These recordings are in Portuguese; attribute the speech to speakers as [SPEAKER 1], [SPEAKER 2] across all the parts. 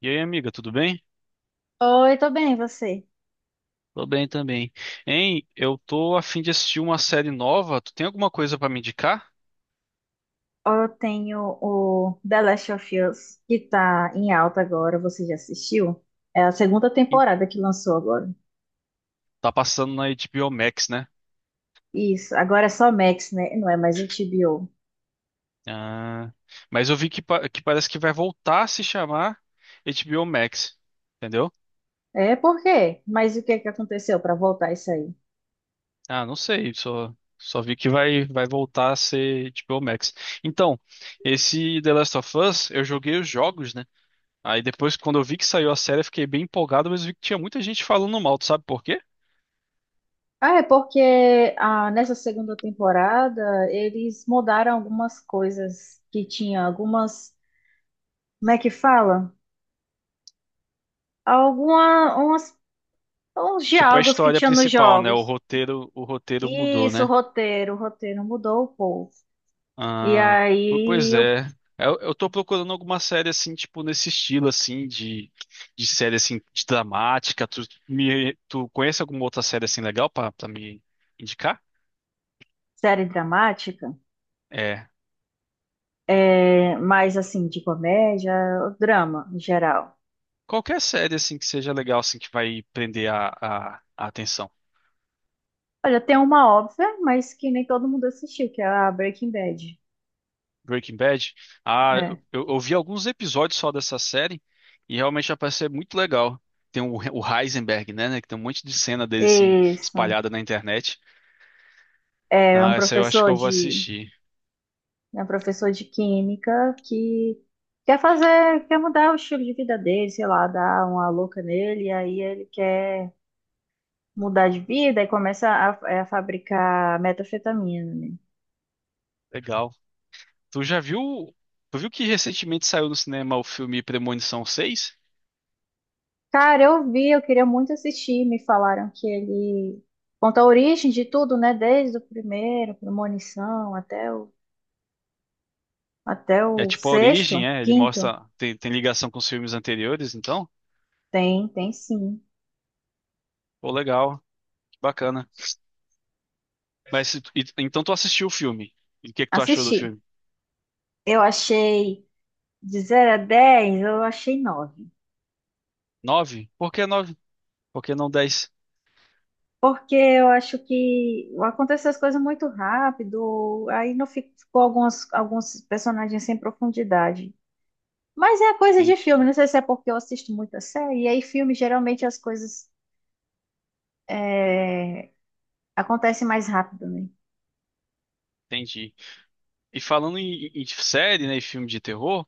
[SPEAKER 1] E aí, amiga, tudo bem?
[SPEAKER 2] Oi, tô bem, e você?
[SPEAKER 1] Tô bem também. Hein, eu tô a fim de assistir uma série nova. Tu tem alguma coisa pra me indicar?
[SPEAKER 2] Eu tenho o The Last of Us, que tá em alta agora, você já assistiu? É a segunda
[SPEAKER 1] Ih,
[SPEAKER 2] temporada que lançou agora.
[SPEAKER 1] tá passando na HBO Max, né?
[SPEAKER 2] Isso, agora é só Max, né? Não é mais HBO.
[SPEAKER 1] Ah, mas eu vi que, que parece que vai voltar a se chamar HBO Max, entendeu?
[SPEAKER 2] É, por quê? Mas o que é que aconteceu pra voltar isso aí?
[SPEAKER 1] Ah, não sei, só vi que vai voltar a ser HBO Max. Então, esse The Last of Us, eu joguei os jogos, né? Aí depois, quando eu vi que saiu a série, eu fiquei bem empolgado, mas eu vi que tinha muita gente falando mal. Tu sabe por quê?
[SPEAKER 2] Ah, é porque nessa segunda temporada eles mudaram algumas coisas que tinha, como é que fala? Alguma, umas, uns
[SPEAKER 1] Tipo, a
[SPEAKER 2] diálogos que
[SPEAKER 1] história
[SPEAKER 2] tinha nos
[SPEAKER 1] principal, né?
[SPEAKER 2] jogos.
[SPEAKER 1] O roteiro mudou,
[SPEAKER 2] Isso,
[SPEAKER 1] né?
[SPEAKER 2] roteiro mudou o povo. E
[SPEAKER 1] Ah,
[SPEAKER 2] aí,
[SPEAKER 1] pois
[SPEAKER 2] eu,
[SPEAKER 1] é. Eu tô procurando alguma série assim, tipo, nesse estilo assim de série assim de dramática. Tu, me, tu conhece alguma outra série assim legal pra, pra me indicar?
[SPEAKER 2] série dramática,
[SPEAKER 1] É.
[SPEAKER 2] mais assim, de comédia, drama em geral.
[SPEAKER 1] Qualquer série assim que seja legal assim que vai prender a atenção.
[SPEAKER 2] Olha, tem uma óbvia, mas que nem todo mundo assistiu, que é a Breaking Bad.
[SPEAKER 1] Breaking Bad. Ah, eu,
[SPEAKER 2] É.
[SPEAKER 1] eu eu vi alguns episódios só dessa série e realmente já parece ser muito legal. Tem o Heisenberg, né, né, que tem um monte de cena dele assim
[SPEAKER 2] Isso.
[SPEAKER 1] espalhada na internet.
[SPEAKER 2] É um
[SPEAKER 1] Ah, essa eu acho que
[SPEAKER 2] professor
[SPEAKER 1] eu vou
[SPEAKER 2] de,
[SPEAKER 1] assistir.
[SPEAKER 2] É um professor de química que quer mudar o estilo de vida dele, sei lá, dar uma louca nele, e aí ele quer mudar de vida e começa a fabricar metanfetamina, né?
[SPEAKER 1] Legal. Tu já viu? Tu viu que recentemente saiu no cinema o filme Premonição 6?
[SPEAKER 2] Cara, eu vi, eu queria muito assistir. Me falaram que ele conta a origem de tudo, né? Desde o primeiro, Premonição, até o, até
[SPEAKER 1] É
[SPEAKER 2] o
[SPEAKER 1] tipo a
[SPEAKER 2] sexto,
[SPEAKER 1] origem, é? Ele
[SPEAKER 2] quinto.
[SPEAKER 1] mostra tem, tem ligação com os filmes anteriores, então.
[SPEAKER 2] Tem, tem sim.
[SPEAKER 1] Pô, legal, que bacana. Mas se então tu assistiu o filme? E o que que tu achou do
[SPEAKER 2] Assisti.
[SPEAKER 1] filme?
[SPEAKER 2] Eu achei de 0 a 10, eu achei 9.
[SPEAKER 1] Nove? Por que nove? Por que não dez?
[SPEAKER 2] Porque eu acho que aconteceu as coisas muito rápido, aí não ficou alguns personagens sem profundidade. Mas é coisa de filme,
[SPEAKER 1] Entendi.
[SPEAKER 2] não sei se é porque eu assisto muita série, e aí filme geralmente as coisas é, acontece mais rápido, né?
[SPEAKER 1] Entendi. E falando em, em série, né, e filme de terror,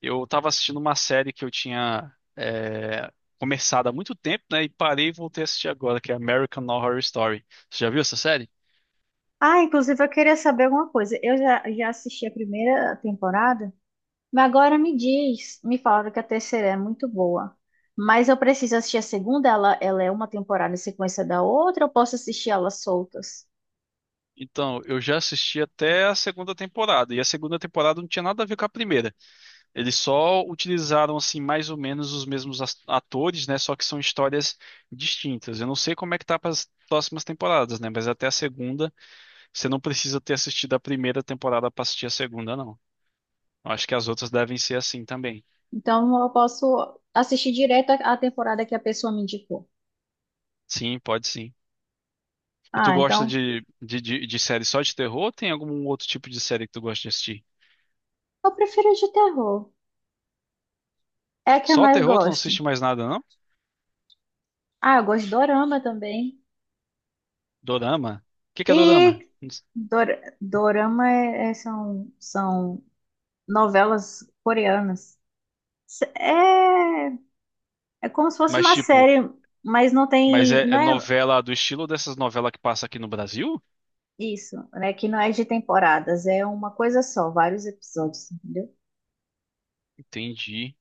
[SPEAKER 1] eu tava assistindo uma série que eu tinha é, começado há muito tempo, né, e parei e voltei a assistir agora, que é American Horror Story. Você já viu essa série?
[SPEAKER 2] Ah, inclusive eu queria saber alguma coisa. Eu já assisti a primeira temporada, mas agora me falaram que a terceira é muito boa. Mas eu preciso assistir a segunda, ela é uma temporada em sequência da outra, eu posso assistir elas soltas.
[SPEAKER 1] Então, eu já assisti até a segunda temporada, e a segunda temporada não tinha nada a ver com a primeira. Eles só utilizaram, assim, mais ou menos os mesmos atores, né, só que são histórias distintas. Eu não sei como é que tá para as próximas temporadas, né, mas até a segunda você não precisa ter assistido a primeira temporada pra assistir a segunda, não. Eu acho que as outras devem ser assim também.
[SPEAKER 2] Então eu posso assistir direto a temporada que a pessoa me indicou.
[SPEAKER 1] Sim, pode sim. E tu
[SPEAKER 2] Ah,
[SPEAKER 1] gosta
[SPEAKER 2] então
[SPEAKER 1] de série só de terror ou tem algum outro tipo de série que tu gosta de assistir?
[SPEAKER 2] eu prefiro de terror. É a que eu
[SPEAKER 1] Só
[SPEAKER 2] mais
[SPEAKER 1] terror, tu não
[SPEAKER 2] gosto.
[SPEAKER 1] assiste mais nada, não?
[SPEAKER 2] Ah, eu gosto de dorama também.
[SPEAKER 1] Dorama? O que que é dorama?
[SPEAKER 2] E dor- dorama são novelas coreanas. S- É, é como se fosse
[SPEAKER 1] Mas
[SPEAKER 2] uma
[SPEAKER 1] tipo,
[SPEAKER 2] série, mas
[SPEAKER 1] mas é, é
[SPEAKER 2] não é
[SPEAKER 1] novela do estilo dessas novelas que passa aqui no Brasil?
[SPEAKER 2] isso, né? Que não é de temporadas, é uma coisa só, vários episódios, entendeu?
[SPEAKER 1] Entendi.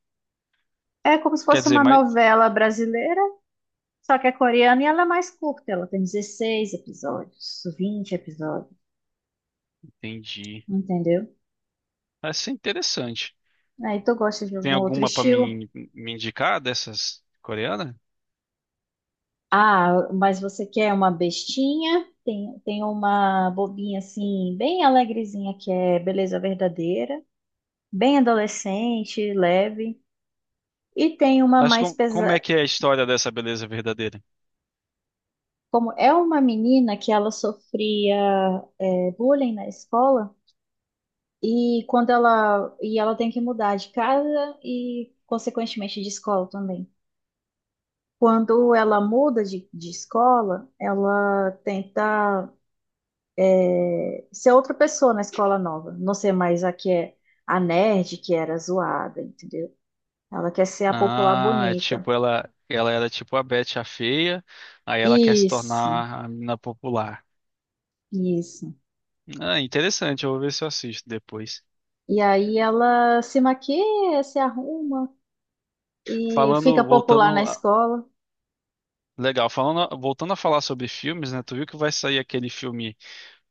[SPEAKER 2] É como se
[SPEAKER 1] Quer
[SPEAKER 2] fosse
[SPEAKER 1] dizer,
[SPEAKER 2] uma
[SPEAKER 1] mas
[SPEAKER 2] novela brasileira, só que é coreana e ela é mais curta, ela tem 16 episódios, 20 episódios,
[SPEAKER 1] entendi.
[SPEAKER 2] entendeu?
[SPEAKER 1] Vai ser interessante.
[SPEAKER 2] Aí tu gosta de
[SPEAKER 1] Tem
[SPEAKER 2] algum outro
[SPEAKER 1] alguma pra
[SPEAKER 2] estilo?
[SPEAKER 1] me, me indicar dessas coreanas?
[SPEAKER 2] Ah, mas você quer uma bestinha? Tem uma bobinha assim, bem alegrezinha, que é Beleza Verdadeira, bem adolescente, leve. E tem uma
[SPEAKER 1] Mas
[SPEAKER 2] mais
[SPEAKER 1] com, como é
[SPEAKER 2] pesada.
[SPEAKER 1] que é a história dessa beleza verdadeira?
[SPEAKER 2] Como é uma menina que ela sofria bullying na escola, e ela tem que mudar de casa e, consequentemente, de escola também. Quando ela muda de escola, ela tenta ser outra pessoa na escola nova. Não ser mais a que é a nerd que era zoada, entendeu? Ela quer ser a popular
[SPEAKER 1] Ah, é
[SPEAKER 2] bonita.
[SPEAKER 1] tipo, ela era tipo a Betty a feia, aí ela quer se
[SPEAKER 2] Isso,
[SPEAKER 1] tornar a menina popular.
[SPEAKER 2] isso.
[SPEAKER 1] Ah, interessante, eu vou ver se eu assisto depois.
[SPEAKER 2] E aí ela se maquia, se arruma e fica
[SPEAKER 1] Falando, voltando
[SPEAKER 2] popular na escola.
[SPEAKER 1] legal, falando, voltando a falar sobre filmes, né? Tu viu que vai sair aquele filme,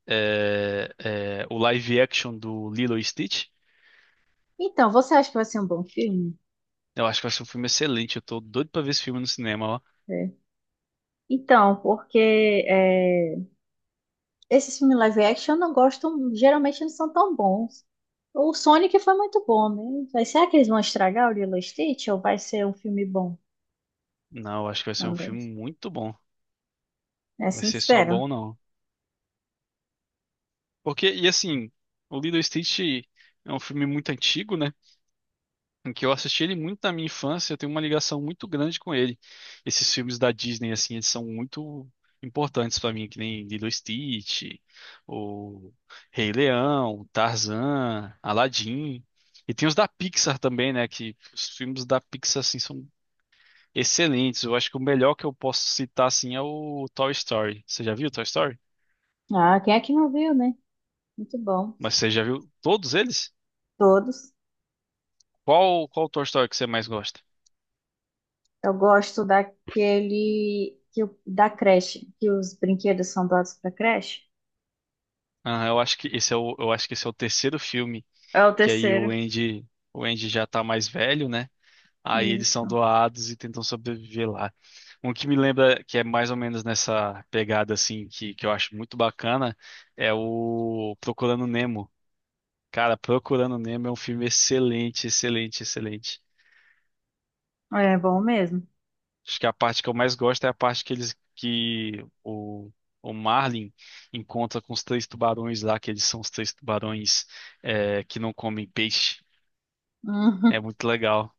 [SPEAKER 1] é, é, o live action do Lilo e Stitch?
[SPEAKER 2] Então, você acha que vai ser um bom filme?
[SPEAKER 1] Eu acho que vai ser um filme excelente. Eu tô doido pra ver esse filme no cinema, ó.
[SPEAKER 2] É. Então, porque é, esses filmes live action eu não gostam, geralmente não são tão bons. O Sonic foi muito bom, né? Mas será que eles vão estragar o Lilo e Stitch ou vai ser um filme bom
[SPEAKER 1] Não, eu acho que vai ser um
[SPEAKER 2] também?
[SPEAKER 1] filme muito bom.
[SPEAKER 2] É
[SPEAKER 1] Vai
[SPEAKER 2] assim, que
[SPEAKER 1] ser só
[SPEAKER 2] espero.
[SPEAKER 1] bom, não. Porque, e assim, o Lilo e Stitch é um filme muito antigo, né? Em que eu assisti ele muito na minha infância, eu tenho uma ligação muito grande com ele. Esses filmes da Disney, assim, eles são muito importantes pra mim, que nem Lilo e Stitch, o Rei Leão, Tarzan, Aladdin. E tem os da Pixar também, né? Que os filmes da Pixar, assim, são excelentes. Eu acho que o melhor que eu posso citar, assim, é o Toy Story. Você já viu o Toy Story?
[SPEAKER 2] Ah, quem é que não viu, né? Muito bom.
[SPEAKER 1] Mas você já viu todos eles?
[SPEAKER 2] Todos.
[SPEAKER 1] Qual, qual Toy Story que você mais gosta?
[SPEAKER 2] Eu gosto daquele que, da creche, que os brinquedos são doados para creche.
[SPEAKER 1] Ah, eu acho que esse é o, eu acho que esse é o terceiro filme,
[SPEAKER 2] É o
[SPEAKER 1] que aí
[SPEAKER 2] terceiro.
[SPEAKER 1] O Andy já tá mais velho, né? Aí eles são
[SPEAKER 2] Isso.
[SPEAKER 1] doados e tentam sobreviver lá. Um que me lembra que é mais ou menos nessa pegada assim que eu acho muito bacana é o Procurando Nemo. Cara, Procurando Nemo é um filme excelente, excelente, excelente.
[SPEAKER 2] É bom mesmo.
[SPEAKER 1] Acho que a parte que eu mais gosto é a parte que eles que o Marlin encontra com os três tubarões lá, que eles são os três tubarões é, que não comem peixe. É
[SPEAKER 2] Uhum.
[SPEAKER 1] muito legal.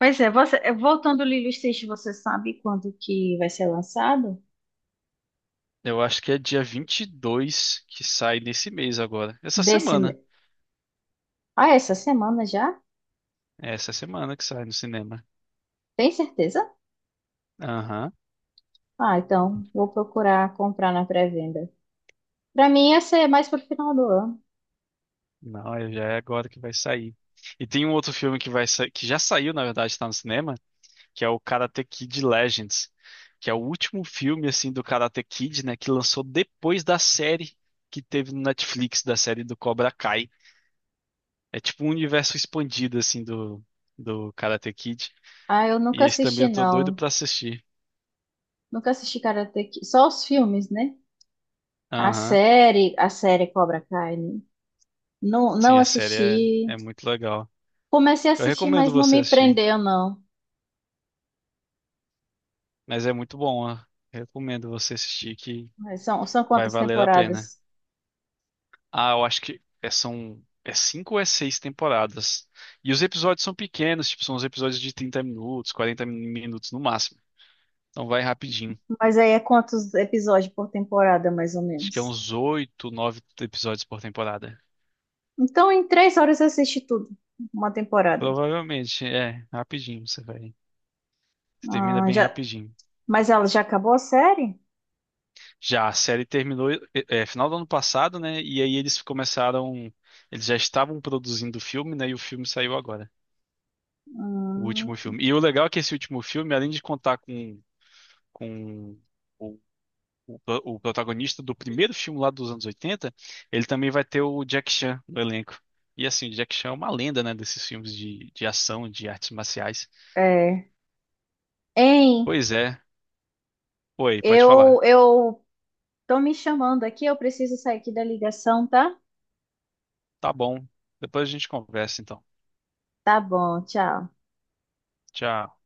[SPEAKER 2] Pois é, voltando Lilo e Stitch, você sabe quando que vai ser lançado?
[SPEAKER 1] Eu acho que é dia 22 que sai nesse mês agora. Essa
[SPEAKER 2] Desse,
[SPEAKER 1] semana.
[SPEAKER 2] me- Essa semana já?
[SPEAKER 1] É essa semana que sai no cinema.
[SPEAKER 2] Tem certeza?
[SPEAKER 1] Aham.
[SPEAKER 2] Ah, então vou procurar comprar na pré-venda. Pra mim ia ser mais pro final do ano.
[SPEAKER 1] Não, já é agora que vai sair. E tem um outro filme que vai que já saiu, na verdade, está no cinema, que é o Karate Kid Legends, que é o último filme assim do Karate Kid, né, que lançou depois da série que teve no Netflix, da série do Cobra Kai. É tipo um universo expandido assim do do Karate Kid.
[SPEAKER 2] Ah, eu
[SPEAKER 1] E
[SPEAKER 2] nunca
[SPEAKER 1] esse também
[SPEAKER 2] assisti
[SPEAKER 1] eu tô doido
[SPEAKER 2] não.
[SPEAKER 1] pra assistir.
[SPEAKER 2] Nunca assisti Karate Kid. Só os filmes, né? A
[SPEAKER 1] Aham.
[SPEAKER 2] série, a série Cobra Kai, né? Não, não
[SPEAKER 1] Sim, a série é,
[SPEAKER 2] assisti.
[SPEAKER 1] é muito legal.
[SPEAKER 2] Comecei a
[SPEAKER 1] Eu
[SPEAKER 2] assistir,
[SPEAKER 1] recomendo
[SPEAKER 2] mas não
[SPEAKER 1] você
[SPEAKER 2] me
[SPEAKER 1] assistir,
[SPEAKER 2] prendeu, não.
[SPEAKER 1] mas é muito bom, ó. Recomendo você assistir que
[SPEAKER 2] Mas são
[SPEAKER 1] vai
[SPEAKER 2] quantas
[SPEAKER 1] valer a pena.
[SPEAKER 2] temporadas?
[SPEAKER 1] Ah, eu acho que são cinco ou é seis temporadas. E os episódios são pequenos, tipo, são os episódios de 30 minutos, 40 minutos no máximo. Então vai rapidinho.
[SPEAKER 2] Mas aí é quantos episódios por temporada, mais ou
[SPEAKER 1] Acho que é
[SPEAKER 2] menos.
[SPEAKER 1] uns oito, nove episódios por temporada.
[SPEAKER 2] Então, em 3 horas eu assisti tudo. Uma temporada.
[SPEAKER 1] Provavelmente, é, rapidinho você vai. Você termina
[SPEAKER 2] Ah,
[SPEAKER 1] bem
[SPEAKER 2] já,
[SPEAKER 1] rapidinho.
[SPEAKER 2] mas ela já acabou a série?
[SPEAKER 1] Já a série terminou é, é, final do ano passado, né? E aí eles começaram. Eles já estavam produzindo o filme, né? E o filme saiu agora. O último
[SPEAKER 2] Hum,
[SPEAKER 1] filme. E o legal é que esse último filme, além de contar com o, o protagonista do primeiro filme lá dos anos 80 ele também vai ter o Jack Chan no elenco. E assim, o Jack Chan é uma lenda, né, desses filmes de ação, de artes marciais.
[SPEAKER 2] é. Hein,
[SPEAKER 1] Pois é. Oi, pode
[SPEAKER 2] eu,
[SPEAKER 1] falar.
[SPEAKER 2] eu tô me chamando aqui, eu preciso sair aqui da ligação, tá?
[SPEAKER 1] Tá bom. Depois a gente conversa, então.
[SPEAKER 2] Tá bom, tchau.
[SPEAKER 1] Tchau.